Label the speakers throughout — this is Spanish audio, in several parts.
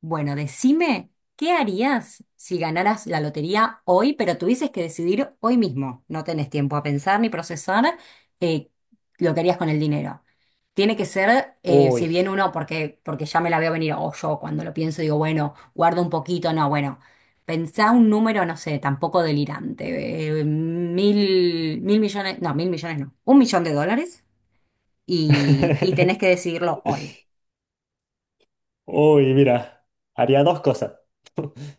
Speaker 1: Bueno, decime, ¿qué harías si ganaras la lotería hoy, pero tuvieses que decidir hoy mismo? No tenés tiempo a pensar ni procesar eh, lo que harías con el dinero. Tiene que ser, si
Speaker 2: Uy.
Speaker 1: bien uno, porque ya me la veo venir, o yo cuando lo pienso digo, bueno, guardo un poquito, no, bueno, pensá un número, no sé, tampoco delirante, mil, mil millones no, un millón de dólares y tenés que decidirlo hoy.
Speaker 2: Uy, mira, haría dos cosas,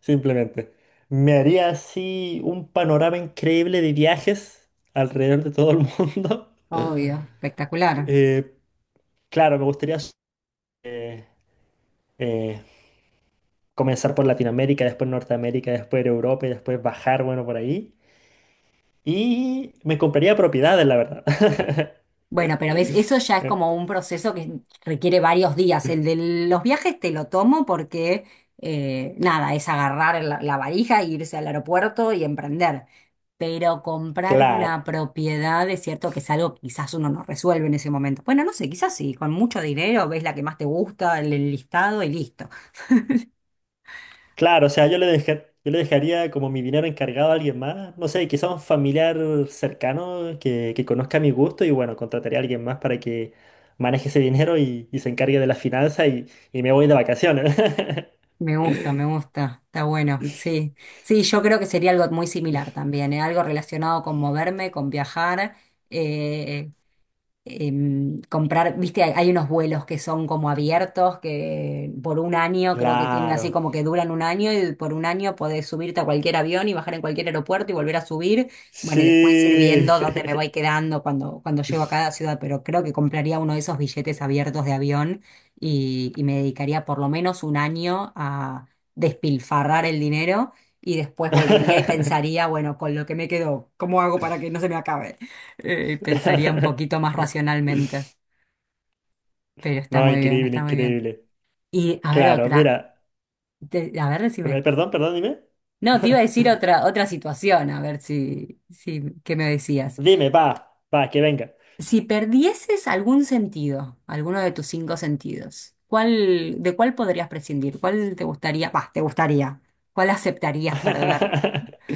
Speaker 2: simplemente. Me haría así un panorama increíble de viajes alrededor de todo el mundo.
Speaker 1: Obvio, espectacular.
Speaker 2: Eh, claro, me gustaría eh, eh, comenzar por Latinoamérica, después Norteamérica, después Europa y después bajar, bueno, por ahí. Y me compraría propiedades, la verdad.
Speaker 1: Bueno, pero ves, eso ya es
Speaker 2: Eh,
Speaker 1: como un proceso que requiere varios días. El de los viajes te lo tomo porque, nada, es agarrar la valija, e irse al aeropuerto y emprender. Pero comprar una
Speaker 2: Claro.
Speaker 1: propiedad es cierto que es algo que quizás uno no resuelve en ese momento. Bueno, no sé, quizás sí, con mucho dinero ves la que más te gusta, el listado y listo.
Speaker 2: Claro, o sea, yo le dejaría como mi dinero encargado a alguien más, no sé, quizá un familiar cercano que conozca mi gusto y bueno, contrataría a alguien más para que maneje ese dinero y se encargue de la finanza y me voy de vacaciones.
Speaker 1: Me gusta, está bueno, sí. Sí, yo creo que sería algo muy similar también, ¿eh? Algo relacionado con moverme, con viajar. eh, Comprar, viste, hay unos vuelos que son como abiertos, que por un año creo que tienen así
Speaker 2: Claro,
Speaker 1: como que duran un año y por un año podés subirte a cualquier avión y bajar en cualquier aeropuerto y volver a subir. Bueno, y después ir viendo dónde me
Speaker 2: sí.
Speaker 1: voy quedando cuando llego a cada ciudad, pero creo que compraría uno de esos billetes abiertos de avión y me dedicaría por lo menos un año a despilfarrar el dinero. Y después volvería y pensaría, bueno, con lo que me quedó, ¿cómo hago para que no se me acabe? Pensaría un poquito más racionalmente, pero está
Speaker 2: No,
Speaker 1: muy bien,
Speaker 2: increíble,
Speaker 1: está muy bien.
Speaker 2: increíble.
Speaker 1: Y a ver
Speaker 2: Claro,
Speaker 1: otra,
Speaker 2: mira,
Speaker 1: A ver, decime.
Speaker 2: perdón, dime.
Speaker 1: No, te iba a decir otra situación, a ver si, ¿qué me decías?
Speaker 2: Dime, va, va, que venga.
Speaker 1: Si perdieses algún sentido, alguno de tus cinco sentidos, ¿de cuál podrías prescindir? ¿Cuál te gustaría? Bah, te gustaría. ¿Cuál aceptarías perder?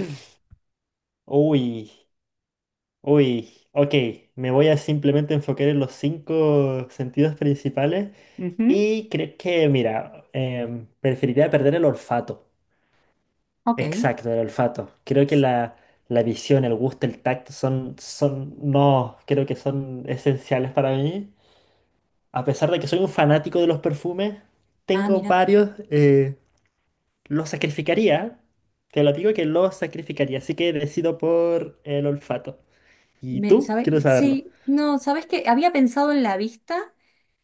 Speaker 2: Uy. Uy, ok, me voy a simplemente enfocar en los cinco sentidos principales
Speaker 1: Ujú,
Speaker 2: y creo que, mira, preferiría perder el olfato.
Speaker 1: ok.
Speaker 2: Exacto, el olfato. Creo que la visión, el gusto, el tacto son, no, creo que son esenciales para mí. A pesar de que soy un fanático de los perfumes,
Speaker 1: Ah,
Speaker 2: tengo
Speaker 1: mira.
Speaker 2: varios, los sacrificaría. Te lo digo que los sacrificaría, así que decido por el olfato. ¿Y tú?
Speaker 1: ¿Sabe?
Speaker 2: Quiero saberlo.
Speaker 1: Sí, no, ¿sabes qué? Había pensado en la vista,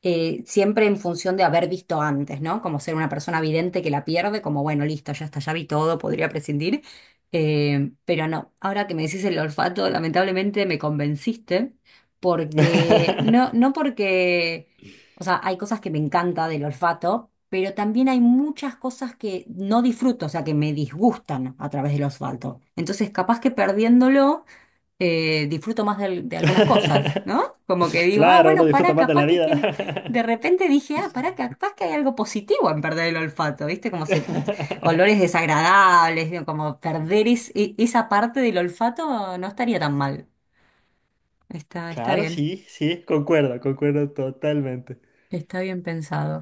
Speaker 1: siempre en función de haber visto antes, ¿no? Como ser una persona vidente que la pierde, como bueno, listo, ya está, ya vi todo, podría prescindir. Pero no, ahora que me decís el olfato, lamentablemente me convenciste, porque no, no porque, o sea, hay cosas que me encanta del olfato, pero también hay muchas cosas que no disfruto, o sea, que me disgustan a través del olfato. Entonces, capaz que perdiéndolo disfruto más de algunas cosas, ¿no? Como que digo, ah,
Speaker 2: Claro, uno
Speaker 1: bueno,
Speaker 2: disfruta
Speaker 1: pará,
Speaker 2: más de
Speaker 1: capaz
Speaker 2: la
Speaker 1: que
Speaker 2: vida.
Speaker 1: tiene. De repente dije, ah, pará, capaz que hay algo positivo en perder el olfato, ¿viste? Olores desagradables, digo, como perder esa parte del olfato no estaría tan mal. Está
Speaker 2: Claro,
Speaker 1: bien,
Speaker 2: sí, sí, concuerdo, concuerdo totalmente.
Speaker 1: está bien pensado.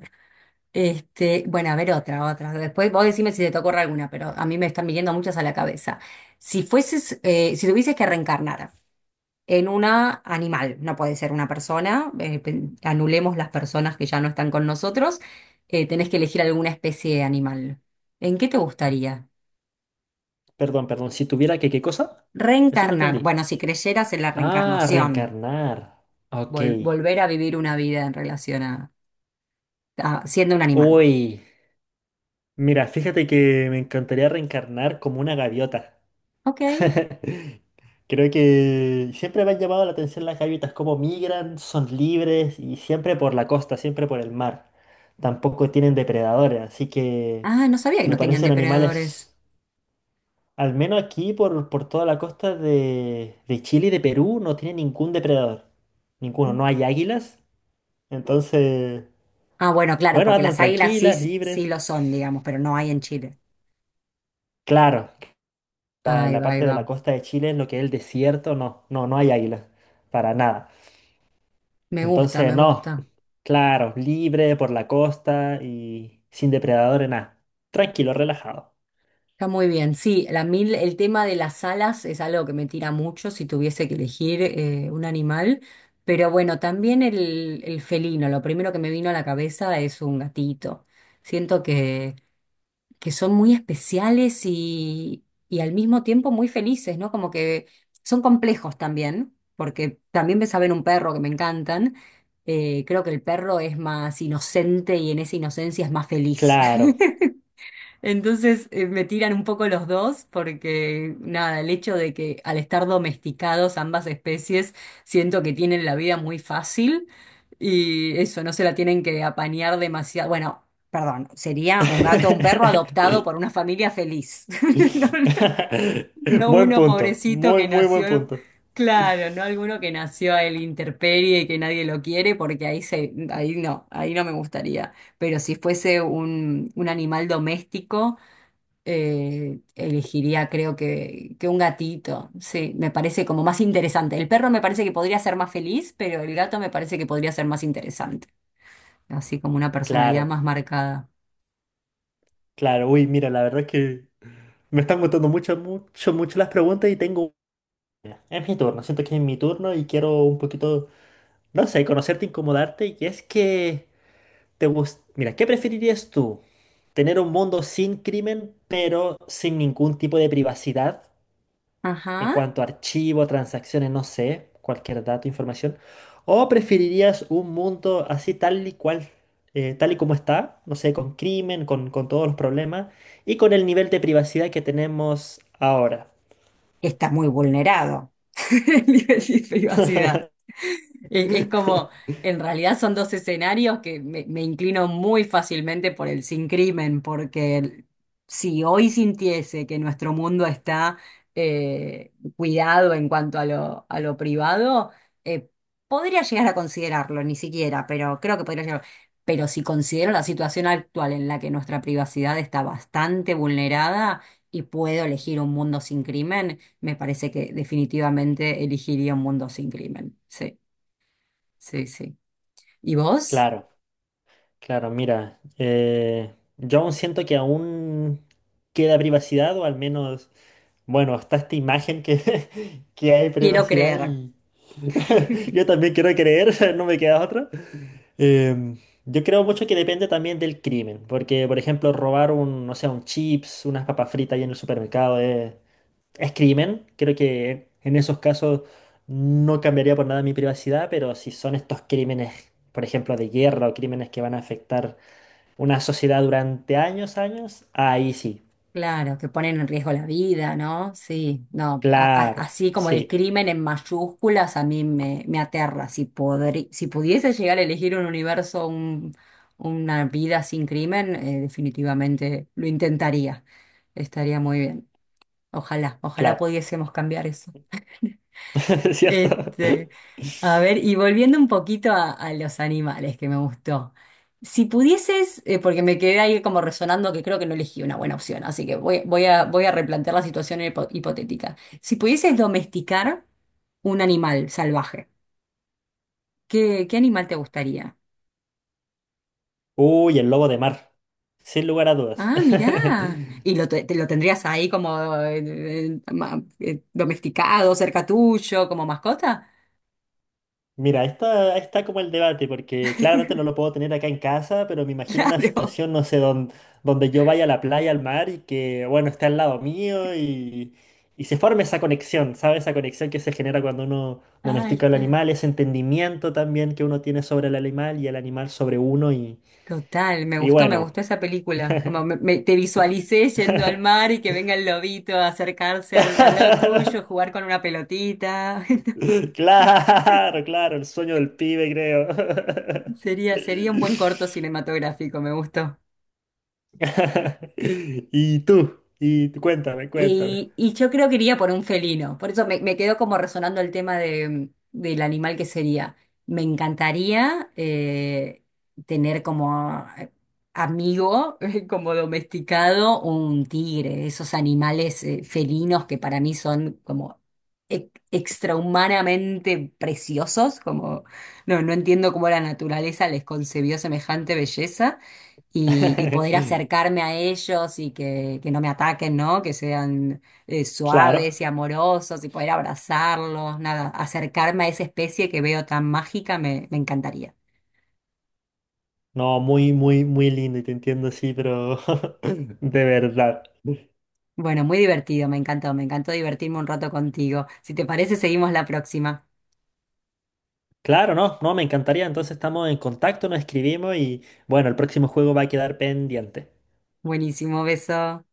Speaker 1: Este, bueno, a ver otra. Después vos decime si te ocurre alguna, pero a mí me están viniendo muchas a la cabeza. Si tuvieses que reencarnar, en una animal, no puede ser una persona, anulemos las personas que ya no están con nosotros, tenés que elegir alguna especie de animal. ¿En qué te gustaría?
Speaker 2: Perdón, perdón, si tuviera que, ¿qué cosa? Eso no
Speaker 1: Reencarnar,
Speaker 2: entendí.
Speaker 1: bueno, si creyeras en la
Speaker 2: Ah,
Speaker 1: reencarnación,
Speaker 2: reencarnar. Ok.
Speaker 1: volver a vivir una vida en relación a siendo un animal.
Speaker 2: Uy, mira, fíjate que me encantaría reencarnar como una gaviota.
Speaker 1: Ok.
Speaker 2: Creo que siempre me han llamado la atención las gaviotas, cómo migran, son libres y siempre por la costa, siempre por el mar. Tampoco tienen depredadores, así que
Speaker 1: Ah, no sabía que
Speaker 2: me
Speaker 1: no tenían
Speaker 2: parecen
Speaker 1: depredadores.
Speaker 2: animales, al menos aquí por toda la costa de Chile y de Perú, no tienen ningún depredador. Ninguno, no hay águilas. Entonces,
Speaker 1: Ah, bueno, claro,
Speaker 2: bueno,
Speaker 1: porque
Speaker 2: andan
Speaker 1: las águilas sí,
Speaker 2: tranquilas,
Speaker 1: sí
Speaker 2: libres.
Speaker 1: lo son, digamos, pero no hay en Chile.
Speaker 2: Claro,
Speaker 1: Ahí
Speaker 2: la
Speaker 1: va, ahí
Speaker 2: parte de la
Speaker 1: va.
Speaker 2: costa de Chile, en lo que es el desierto, no, no, no hay águilas, para nada.
Speaker 1: Me gusta,
Speaker 2: Entonces,
Speaker 1: me
Speaker 2: no,
Speaker 1: gusta.
Speaker 2: claro, libre por la costa y sin depredadores, nada. Tranquilo, relajado.
Speaker 1: Está muy bien. Sí, el tema de las alas es algo que me tira mucho si tuviese que elegir un animal. Pero bueno, también el felino. Lo primero que me vino a la cabeza es un gatito. Siento que son muy especiales y al mismo tiempo muy felices, ¿no? Como que son complejos también, porque también me saben un perro que me encantan. Creo que el perro es más inocente y en esa inocencia es más feliz.
Speaker 2: Claro.
Speaker 1: Entonces, me tiran un poco los dos porque nada, el hecho de que al estar domesticados ambas especies siento que tienen la vida muy fácil y eso, no se la tienen que apañar demasiado. Bueno, perdón, sería un gato o un perro adoptado por una familia feliz. No, no
Speaker 2: Buen
Speaker 1: uno
Speaker 2: punto,
Speaker 1: pobrecito
Speaker 2: muy,
Speaker 1: que
Speaker 2: muy buen
Speaker 1: nació,
Speaker 2: punto.
Speaker 1: claro, no alguno que nació a la intemperie y que nadie lo quiere porque ahí no me gustaría. Pero si fuese un animal doméstico elegiría, creo que un gatito. Sí, me parece como más interesante. El perro me parece que podría ser más feliz, pero el gato me parece que podría ser más interesante. Así como una personalidad
Speaker 2: Claro,
Speaker 1: más marcada.
Speaker 2: claro. Uy, mira, la verdad es que me están gustando mucho, mucho, mucho las preguntas y tengo... Mira, es mi turno, siento que es mi turno y quiero un poquito, no sé, conocerte, incomodarte y es que... Mira, ¿qué preferirías tú? ¿Tener un mundo sin crimen, pero sin ningún tipo de privacidad en
Speaker 1: Ajá.
Speaker 2: cuanto a archivo, transacciones, no sé, cualquier dato, información? ¿O preferirías un mundo así tal y cual, tal y como está, no sé, con crimen, con todos los problemas y con el nivel de privacidad que tenemos ahora?
Speaker 1: Está muy vulnerado el nivel de privacidad. Es como, en realidad son dos escenarios que me inclino muy fácilmente por el sin crimen, porque si hoy sintiese que nuestro mundo está cuidado en cuanto a lo privado, eh, podría llegar a considerarlo, ni siquiera, pero creo que podría llegar. Pero si considero la situación actual en la que nuestra privacidad está bastante vulnerada y puedo elegir un mundo sin crimen, me parece que definitivamente elegiría un mundo sin crimen. Sí. Sí, sí. ¿Y vos?
Speaker 2: Claro. Claro, mira, yo aún siento que aún queda privacidad, o al menos, bueno, hasta esta imagen que hay
Speaker 1: Quiero
Speaker 2: privacidad
Speaker 1: creer.
Speaker 2: y yo también quiero creer, no me queda otra. Em, yo creo mucho que depende también del crimen, porque, por ejemplo, robar un, no sé, un chips, unas papas fritas ahí en el supermercado es crimen. Creo que en esos casos no cambiaría por nada mi privacidad, pero si son estos crímenes, por ejemplo, de guerra o crímenes que van a afectar una sociedad durante años, años. Ahí sí.
Speaker 1: Claro, que ponen en riesgo la vida, ¿no? Sí, no, a- a-
Speaker 2: Claro.
Speaker 1: así como el
Speaker 2: Sí,
Speaker 1: crimen en mayúsculas a mí me aterra. Si pudiese llegar a elegir un universo, una vida sin crimen, definitivamente lo intentaría. Estaría muy bien. Ojalá, ojalá
Speaker 2: claro.
Speaker 1: pudiésemos cambiar eso.
Speaker 2: ¿Es cierto?
Speaker 1: Este, a ver, y volviendo un poquito a los animales que me gustó. Si pudieses, porque me quedé ahí como resonando que creo que no elegí una buena opción, así que voy a replantear la situación hipotética. Si pudieses domesticar un animal salvaje, ¿qué animal te gustaría?
Speaker 2: Uy, el lobo de mar. Sin lugar a dudas.
Speaker 1: Ah, mirá. Y lo, te, te lo tendrías ahí como domesticado, cerca tuyo, como mascota.
Speaker 2: Mira, ahí está como el debate, porque claramente no lo puedo tener acá en casa, pero me imagino una
Speaker 1: Claro.
Speaker 2: situación, no sé, donde yo vaya a la playa, al mar y que, bueno, esté al lado mío y se forme esa conexión, ¿sabes? Esa conexión que se genera cuando uno
Speaker 1: Ahí
Speaker 2: domestica al
Speaker 1: está.
Speaker 2: animal, ese entendimiento también que uno tiene sobre el animal y el animal sobre uno.
Speaker 1: Total,
Speaker 2: Y
Speaker 1: me
Speaker 2: bueno.
Speaker 1: gustó esa película. Como te visualicé yendo al mar y que venga el lobito a acercarse al lado tuyo, jugar con una pelotita.
Speaker 2: Claro, claro, el sueño del pibe, creo.
Speaker 1: Sería un buen corto cinematográfico, me gustó.
Speaker 2: Y tú, cuéntame, cuéntame.
Speaker 1: Y yo creo que iría por un felino. Por eso me quedó como resonando el tema del animal que sería. Me encantaría tener como amigo, como domesticado, un tigre. Esos animales felinos que para mí son como extrahumanamente preciosos. Como, no, no entiendo cómo la naturaleza les concebió semejante belleza y poder acercarme a ellos y que no me ataquen, ¿no? Que sean
Speaker 2: Claro,
Speaker 1: suaves y amorosos y poder abrazarlos, nada, acercarme a esa especie que veo tan mágica me encantaría.
Speaker 2: no, muy, muy, muy lindo y te entiendo, sí, pero de verdad.
Speaker 1: Bueno, muy divertido, me encantó divertirme un rato contigo. Si te parece, seguimos la próxima.
Speaker 2: Claro, no, no, me encantaría. Entonces estamos en contacto, nos escribimos y bueno, el próximo juego va a quedar pendiente.
Speaker 1: Buenísimo, beso.